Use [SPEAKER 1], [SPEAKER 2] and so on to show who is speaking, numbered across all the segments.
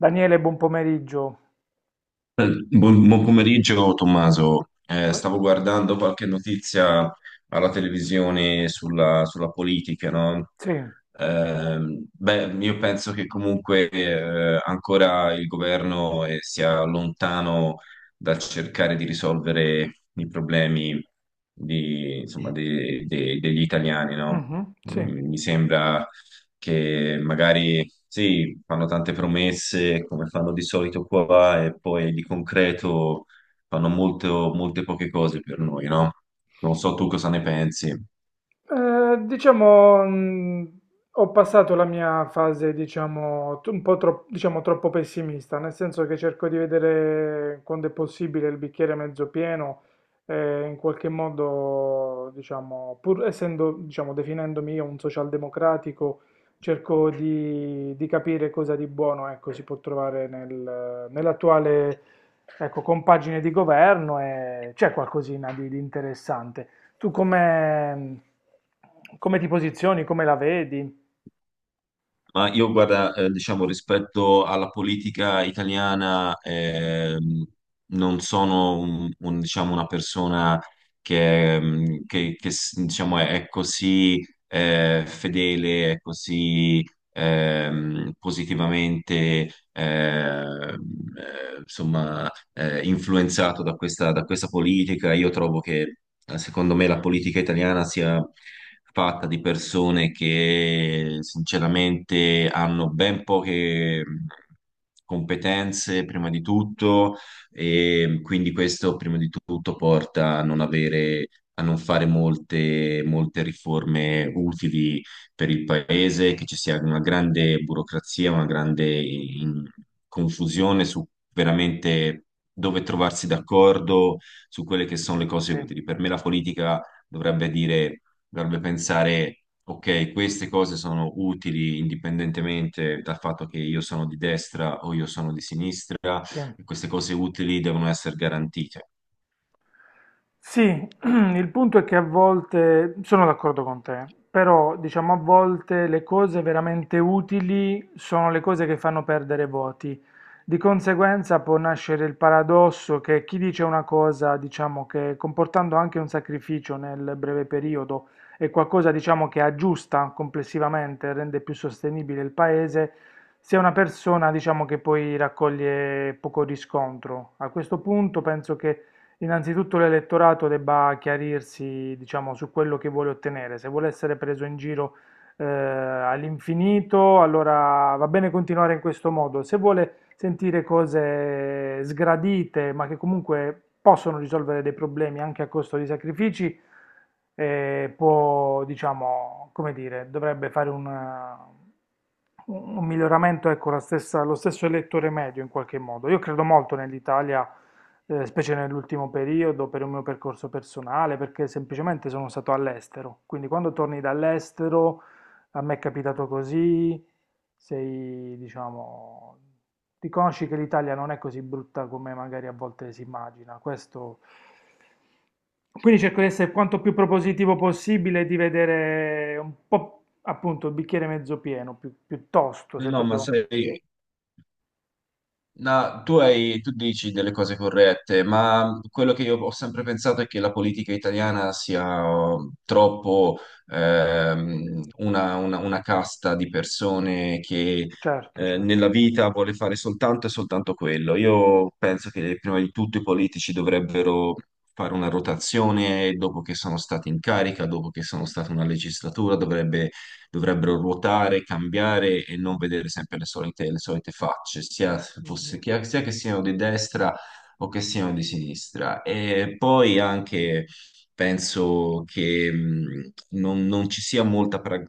[SPEAKER 1] Daniele, buon pomeriggio.
[SPEAKER 2] Buon pomeriggio Tommaso.
[SPEAKER 1] Come?
[SPEAKER 2] Stavo guardando qualche notizia alla televisione sulla politica, no?
[SPEAKER 1] Sì,
[SPEAKER 2] Beh, io penso che comunque ancora il governo sia lontano dal cercare di risolvere i problemi insomma, degli italiani, no?
[SPEAKER 1] mhm, sì.
[SPEAKER 2] Mi sembra che magari sì, fanno tante promesse come fanno di solito qua e poi di concreto fanno molte poche cose per noi, no? Non so tu cosa ne pensi.
[SPEAKER 1] Diciamo, ho passato la mia fase, diciamo, diciamo, troppo pessimista, nel senso che cerco di vedere quando è possibile il bicchiere mezzo pieno, in qualche modo, diciamo, pur essendo, diciamo, definendomi io un socialdemocratico, cerco di capire cosa di buono, ecco, si può trovare nell'attuale, ecco, compagine di governo e c'è qualcosina di interessante. Tu come, come ti posizioni, come la vedi?
[SPEAKER 2] Ma io guarda, diciamo, rispetto alla politica italiana, non sono diciamo, una persona che, diciamo, è così fedele, è così positivamente, insomma, influenzato da questa politica. Io trovo che, secondo me, la politica italiana sia fatta di persone che sinceramente hanno ben poche competenze, prima di tutto, e quindi questo, prima di tutto, porta a non avere, a non fare molte riforme utili per il paese, che ci sia una grande burocrazia, una grande confusione su veramente dove trovarsi d'accordo su quelle che sono le cose
[SPEAKER 1] Sì,
[SPEAKER 2] utili. Per me la politica dovrebbe dire, dovrebbe pensare, ok, queste cose sono utili indipendentemente dal fatto che io sono di destra o io sono di sinistra,
[SPEAKER 1] sì.
[SPEAKER 2] e queste cose utili devono essere garantite.
[SPEAKER 1] Sì, il punto è che a volte, sono d'accordo con te, però diciamo a volte le cose veramente utili sono le cose che fanno perdere voti. Di conseguenza può nascere il paradosso che chi dice una cosa, diciamo, che comportando anche un sacrificio nel breve periodo è qualcosa, diciamo, che aggiusta complessivamente, rende più sostenibile il paese, sia una persona, diciamo, che poi raccoglie poco riscontro. A questo punto penso che innanzitutto l'elettorato debba chiarirsi, diciamo, su quello che vuole ottenere. Se vuole essere preso in giro all'infinito, allora va bene continuare in questo modo. Se vuole sentire cose sgradite, ma che comunque possono risolvere dei problemi anche a costo di sacrifici, può, diciamo, come dire, dovrebbe fare un... eh, un miglioramento, ecco, lo stesso elettore medio in qualche modo. Io credo molto nell'Italia, specie nell'ultimo periodo, per il mio percorso personale, perché semplicemente sono stato all'estero. Quindi quando torni dall'estero, a me è capitato così, sei, diciamo, riconosci che l'Italia non è così brutta come magari a volte si immagina. Questo... Quindi cerco di essere quanto più propositivo possibile, e di vedere un po' appunto il bicchiere mezzo pieno, piuttosto, se
[SPEAKER 2] No, ma
[SPEAKER 1] proprio...
[SPEAKER 2] sai, no, tu dici delle cose corrette, ma quello che io ho sempre pensato è che la politica italiana sia troppo una, una casta di persone che
[SPEAKER 1] Certo, certo.
[SPEAKER 2] nella vita vuole fare soltanto e soltanto quello. Io penso che prima di tutto i politici dovrebbero fare una rotazione dopo che sono stati in carica, dopo che sono stata una legislatura, dovrebbero ruotare, cambiare e non vedere sempre le solite facce,
[SPEAKER 1] Mhm.
[SPEAKER 2] sia che siano di destra o che siano di sinistra. E poi anche penso che non ci sia molta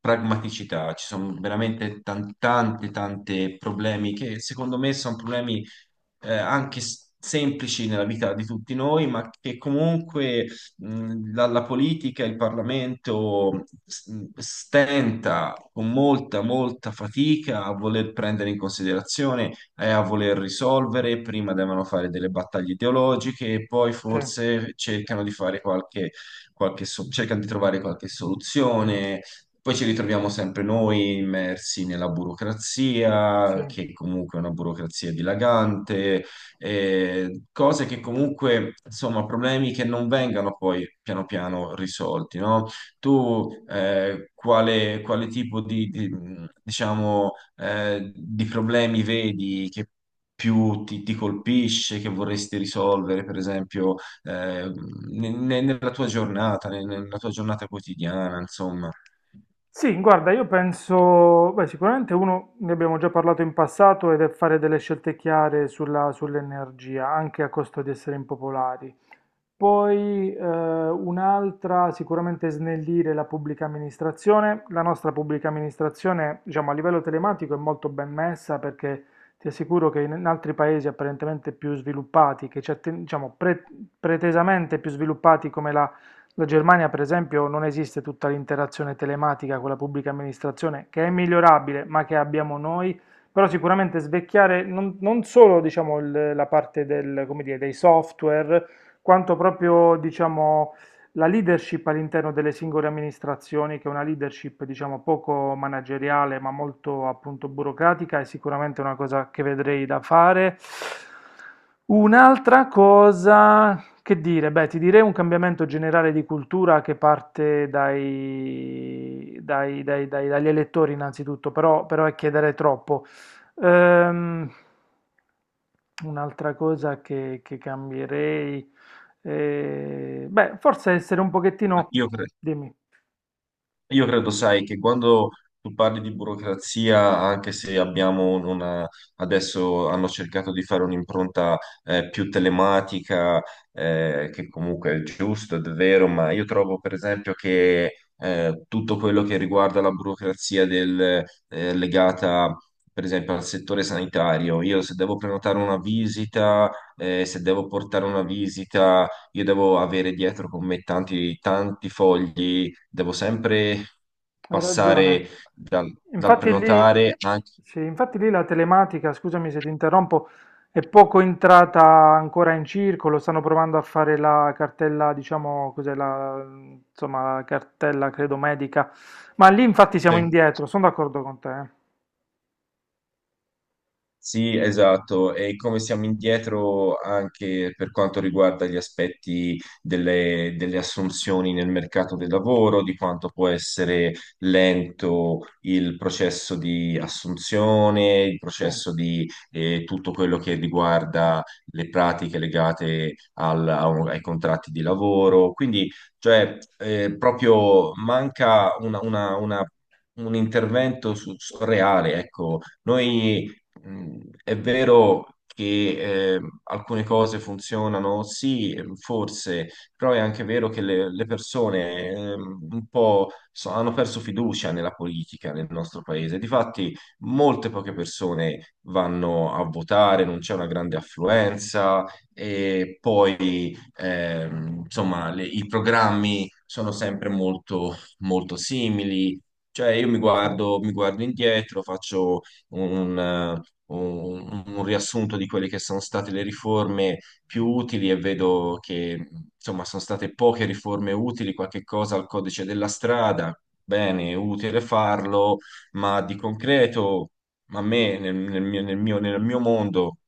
[SPEAKER 2] pragmaticità, ci sono veramente tante, tante problemi che secondo me sono problemi anche semplici nella vita di tutti noi, ma che comunque la, la politica, il Parlamento stenta con molta, molta fatica a voler prendere in considerazione e a voler risolvere. Prima devono fare delle battaglie ideologiche e poi
[SPEAKER 1] Sì,
[SPEAKER 2] forse cercano di fare qualche, cercano di trovare qualche soluzione. Poi ci ritroviamo sempre noi immersi nella burocrazia,
[SPEAKER 1] sì.
[SPEAKER 2] che comunque è una burocrazia dilagante, cose che comunque, insomma, problemi che non vengano poi piano piano risolti, no? Tu quale tipo di, diciamo, di problemi vedi che più ti, ti colpisce, che vorresti risolvere, per esempio, eh, nella tua giornata, nella tua giornata quotidiana, insomma.
[SPEAKER 1] Sì, guarda, io penso, beh, sicuramente uno, ne abbiamo già parlato in passato, ed è fare delle scelte chiare sull'energia, anche a costo di essere impopolari. Poi un'altra, sicuramente snellire la pubblica amministrazione. La nostra pubblica amministrazione, diciamo, a livello telematico è molto ben messa perché ti assicuro che in altri paesi apparentemente più sviluppati, diciamo, pretesamente più sviluppati come la, la Germania, per esempio, non esiste tutta l'interazione telematica con la pubblica amministrazione, che è migliorabile, ma che abbiamo noi. Però sicuramente svecchiare non solo, diciamo, la parte del, come dire, dei software, quanto proprio, diciamo, la leadership all'interno delle singole amministrazioni, che è una leadership, diciamo, poco manageriale, ma molto appunto burocratica, è sicuramente una cosa che vedrei da fare. Un'altra cosa, che dire? Beh, ti direi un cambiamento generale di cultura che parte dagli elettori innanzitutto, però, però è chiedere troppo. Ehm, un'altra cosa che cambierei, beh, forse essere un
[SPEAKER 2] Ma
[SPEAKER 1] pochettino,
[SPEAKER 2] Io cre-
[SPEAKER 1] dimmi,
[SPEAKER 2] Io credo, sai, che quando tu parli di burocrazia, anche se abbiamo una, adesso hanno cercato di fare un'impronta più telematica, che comunque è giusto ed è vero, ma io trovo per esempio che tutto quello che riguarda la burocrazia legata per esempio al settore sanitario, io se devo prenotare una visita, se devo portare una visita, io devo avere dietro con me tanti, tanti fogli devo sempre
[SPEAKER 1] hai
[SPEAKER 2] passare
[SPEAKER 1] ragione.
[SPEAKER 2] dal, dal
[SPEAKER 1] Infatti lì,
[SPEAKER 2] prenotare anche...
[SPEAKER 1] sì, infatti lì la telematica, scusami se ti interrompo, è poco entrata ancora in circolo, stanno provando a fare la cartella, diciamo, insomma, la cartella, credo, medica, ma lì infatti siamo
[SPEAKER 2] Sì.
[SPEAKER 1] indietro, sono d'accordo con te. Eh.
[SPEAKER 2] Sì, esatto, e come siamo indietro anche per quanto riguarda gli aspetti delle, delle assunzioni nel mercato del lavoro, di quanto può essere lento il processo di assunzione, il
[SPEAKER 1] Sì,
[SPEAKER 2] processo di tutto quello che riguarda le pratiche legate ai contratti di lavoro. Quindi, cioè, proprio manca una un intervento reale, ecco. È vero che alcune cose funzionano, sì, forse, però è anche vero che le persone un po' hanno perso fiducia nella politica nel nostro paese. Difatti, molte poche persone vanno a votare, non c'è una grande affluenza e poi, insomma, i programmi sono sempre molto, molto simili. Cioè, io
[SPEAKER 1] sì,
[SPEAKER 2] mi guardo indietro, faccio un, un riassunto di quelle che sono state le riforme più utili e vedo che insomma sono state poche riforme utili, qualche cosa al codice della strada, bene, è utile farlo, ma di concreto a me nel, nel mio mondo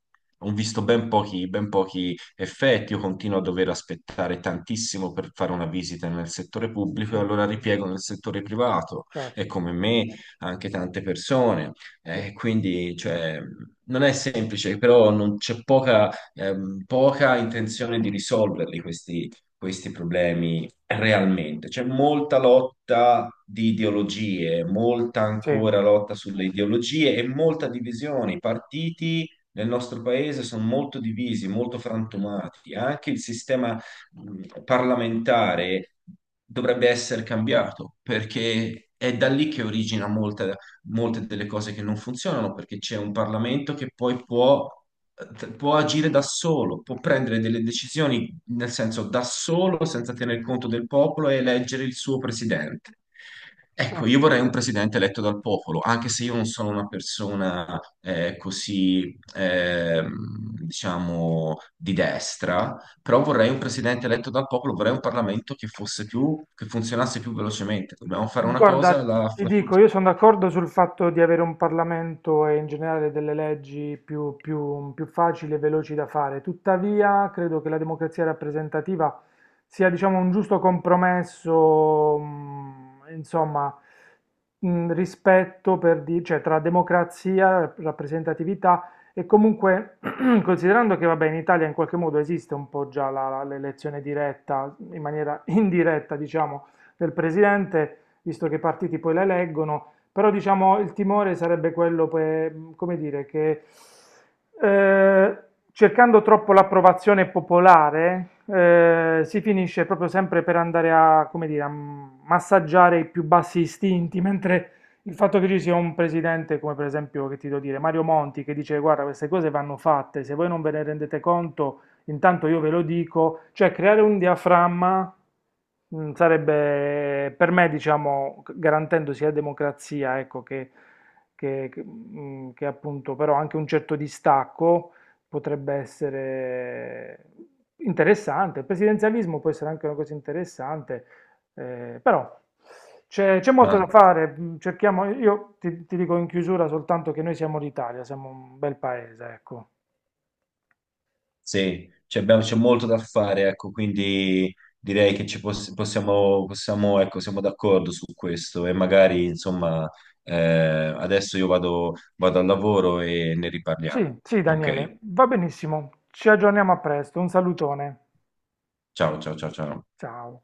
[SPEAKER 2] ho visto ben pochi effetti, io continuo a dover aspettare tantissimo per fare una visita nel settore pubblico
[SPEAKER 1] sì,
[SPEAKER 2] e allora
[SPEAKER 1] sì,
[SPEAKER 2] ripiego nel settore privato e
[SPEAKER 1] certo,
[SPEAKER 2] come me anche tante persone.
[SPEAKER 1] sì,
[SPEAKER 2] Quindi, cioè, non è semplice, però non- c'è poca, poca intenzione di risolverli questi problemi realmente. C'è molta lotta di ideologie, molta
[SPEAKER 1] sì,
[SPEAKER 2] ancora lotta sulle ideologie e molta divisione. I partiti nel nostro paese sono molto divisi, molto frantumati. Anche il sistema parlamentare dovrebbe essere cambiato perché è da lì che origina molta molte delle cose che non funzionano perché c'è un Parlamento che poi può, può agire da solo, può prendere delle decisioni nel senso da solo senza tener conto del popolo e eleggere il suo presidente.
[SPEAKER 1] sì.
[SPEAKER 2] Ecco, io vorrei un presidente eletto dal popolo, anche se io non sono una persona così, diciamo, di destra, però vorrei un presidente eletto dal popolo, vorrei un Parlamento che fosse più, che funzionasse più velocemente. Dobbiamo fare una cosa,
[SPEAKER 1] Guarda, ti dico, io sono d'accordo sul fatto di avere un Parlamento e in generale delle leggi più facili e veloci da fare. Tuttavia, credo che la democrazia rappresentativa sia, diciamo, un giusto compromesso, insomma, rispetto cioè, tra democrazia, rappresentatività e comunque, considerando che, vabbè, in Italia in qualche modo esiste un po' già l'elezione diretta, in maniera indiretta, diciamo, del presidente visto che i partiti poi le eleggono, però diciamo il timore sarebbe quello, per, come dire, che eh, cercando troppo l'approvazione popolare si finisce proprio sempre per andare a, come dire, a massaggiare i più bassi istinti, mentre il fatto che ci sia un presidente come per esempio, che ti devo dire, Mario Monti, che dice guarda queste cose vanno fatte, se voi non ve ne rendete conto, intanto io ve lo dico, cioè creare un diaframma sarebbe per me, diciamo, garantendo sia democrazia, ecco, che, che appunto però anche un certo distacco potrebbe essere interessante. Il presidenzialismo può essere anche una cosa interessante, però c'è molto da
[SPEAKER 2] la,
[SPEAKER 1] fare. Cerchiamo, io ti dico in chiusura soltanto che noi siamo l'Italia, siamo un bel paese, ecco.
[SPEAKER 2] sì, cioè c'è molto da fare, ecco, quindi direi che ci possiamo, possiamo, ecco, siamo d'accordo su questo e
[SPEAKER 1] Sì.
[SPEAKER 2] magari, insomma, adesso io vado, vado al lavoro e ne riparliamo.
[SPEAKER 1] Sì, sì,
[SPEAKER 2] Ok,
[SPEAKER 1] Daniele, va benissimo. Ci aggiorniamo a presto. Un salutone.
[SPEAKER 2] ciao, ciao, ciao, ciao.
[SPEAKER 1] Ciao.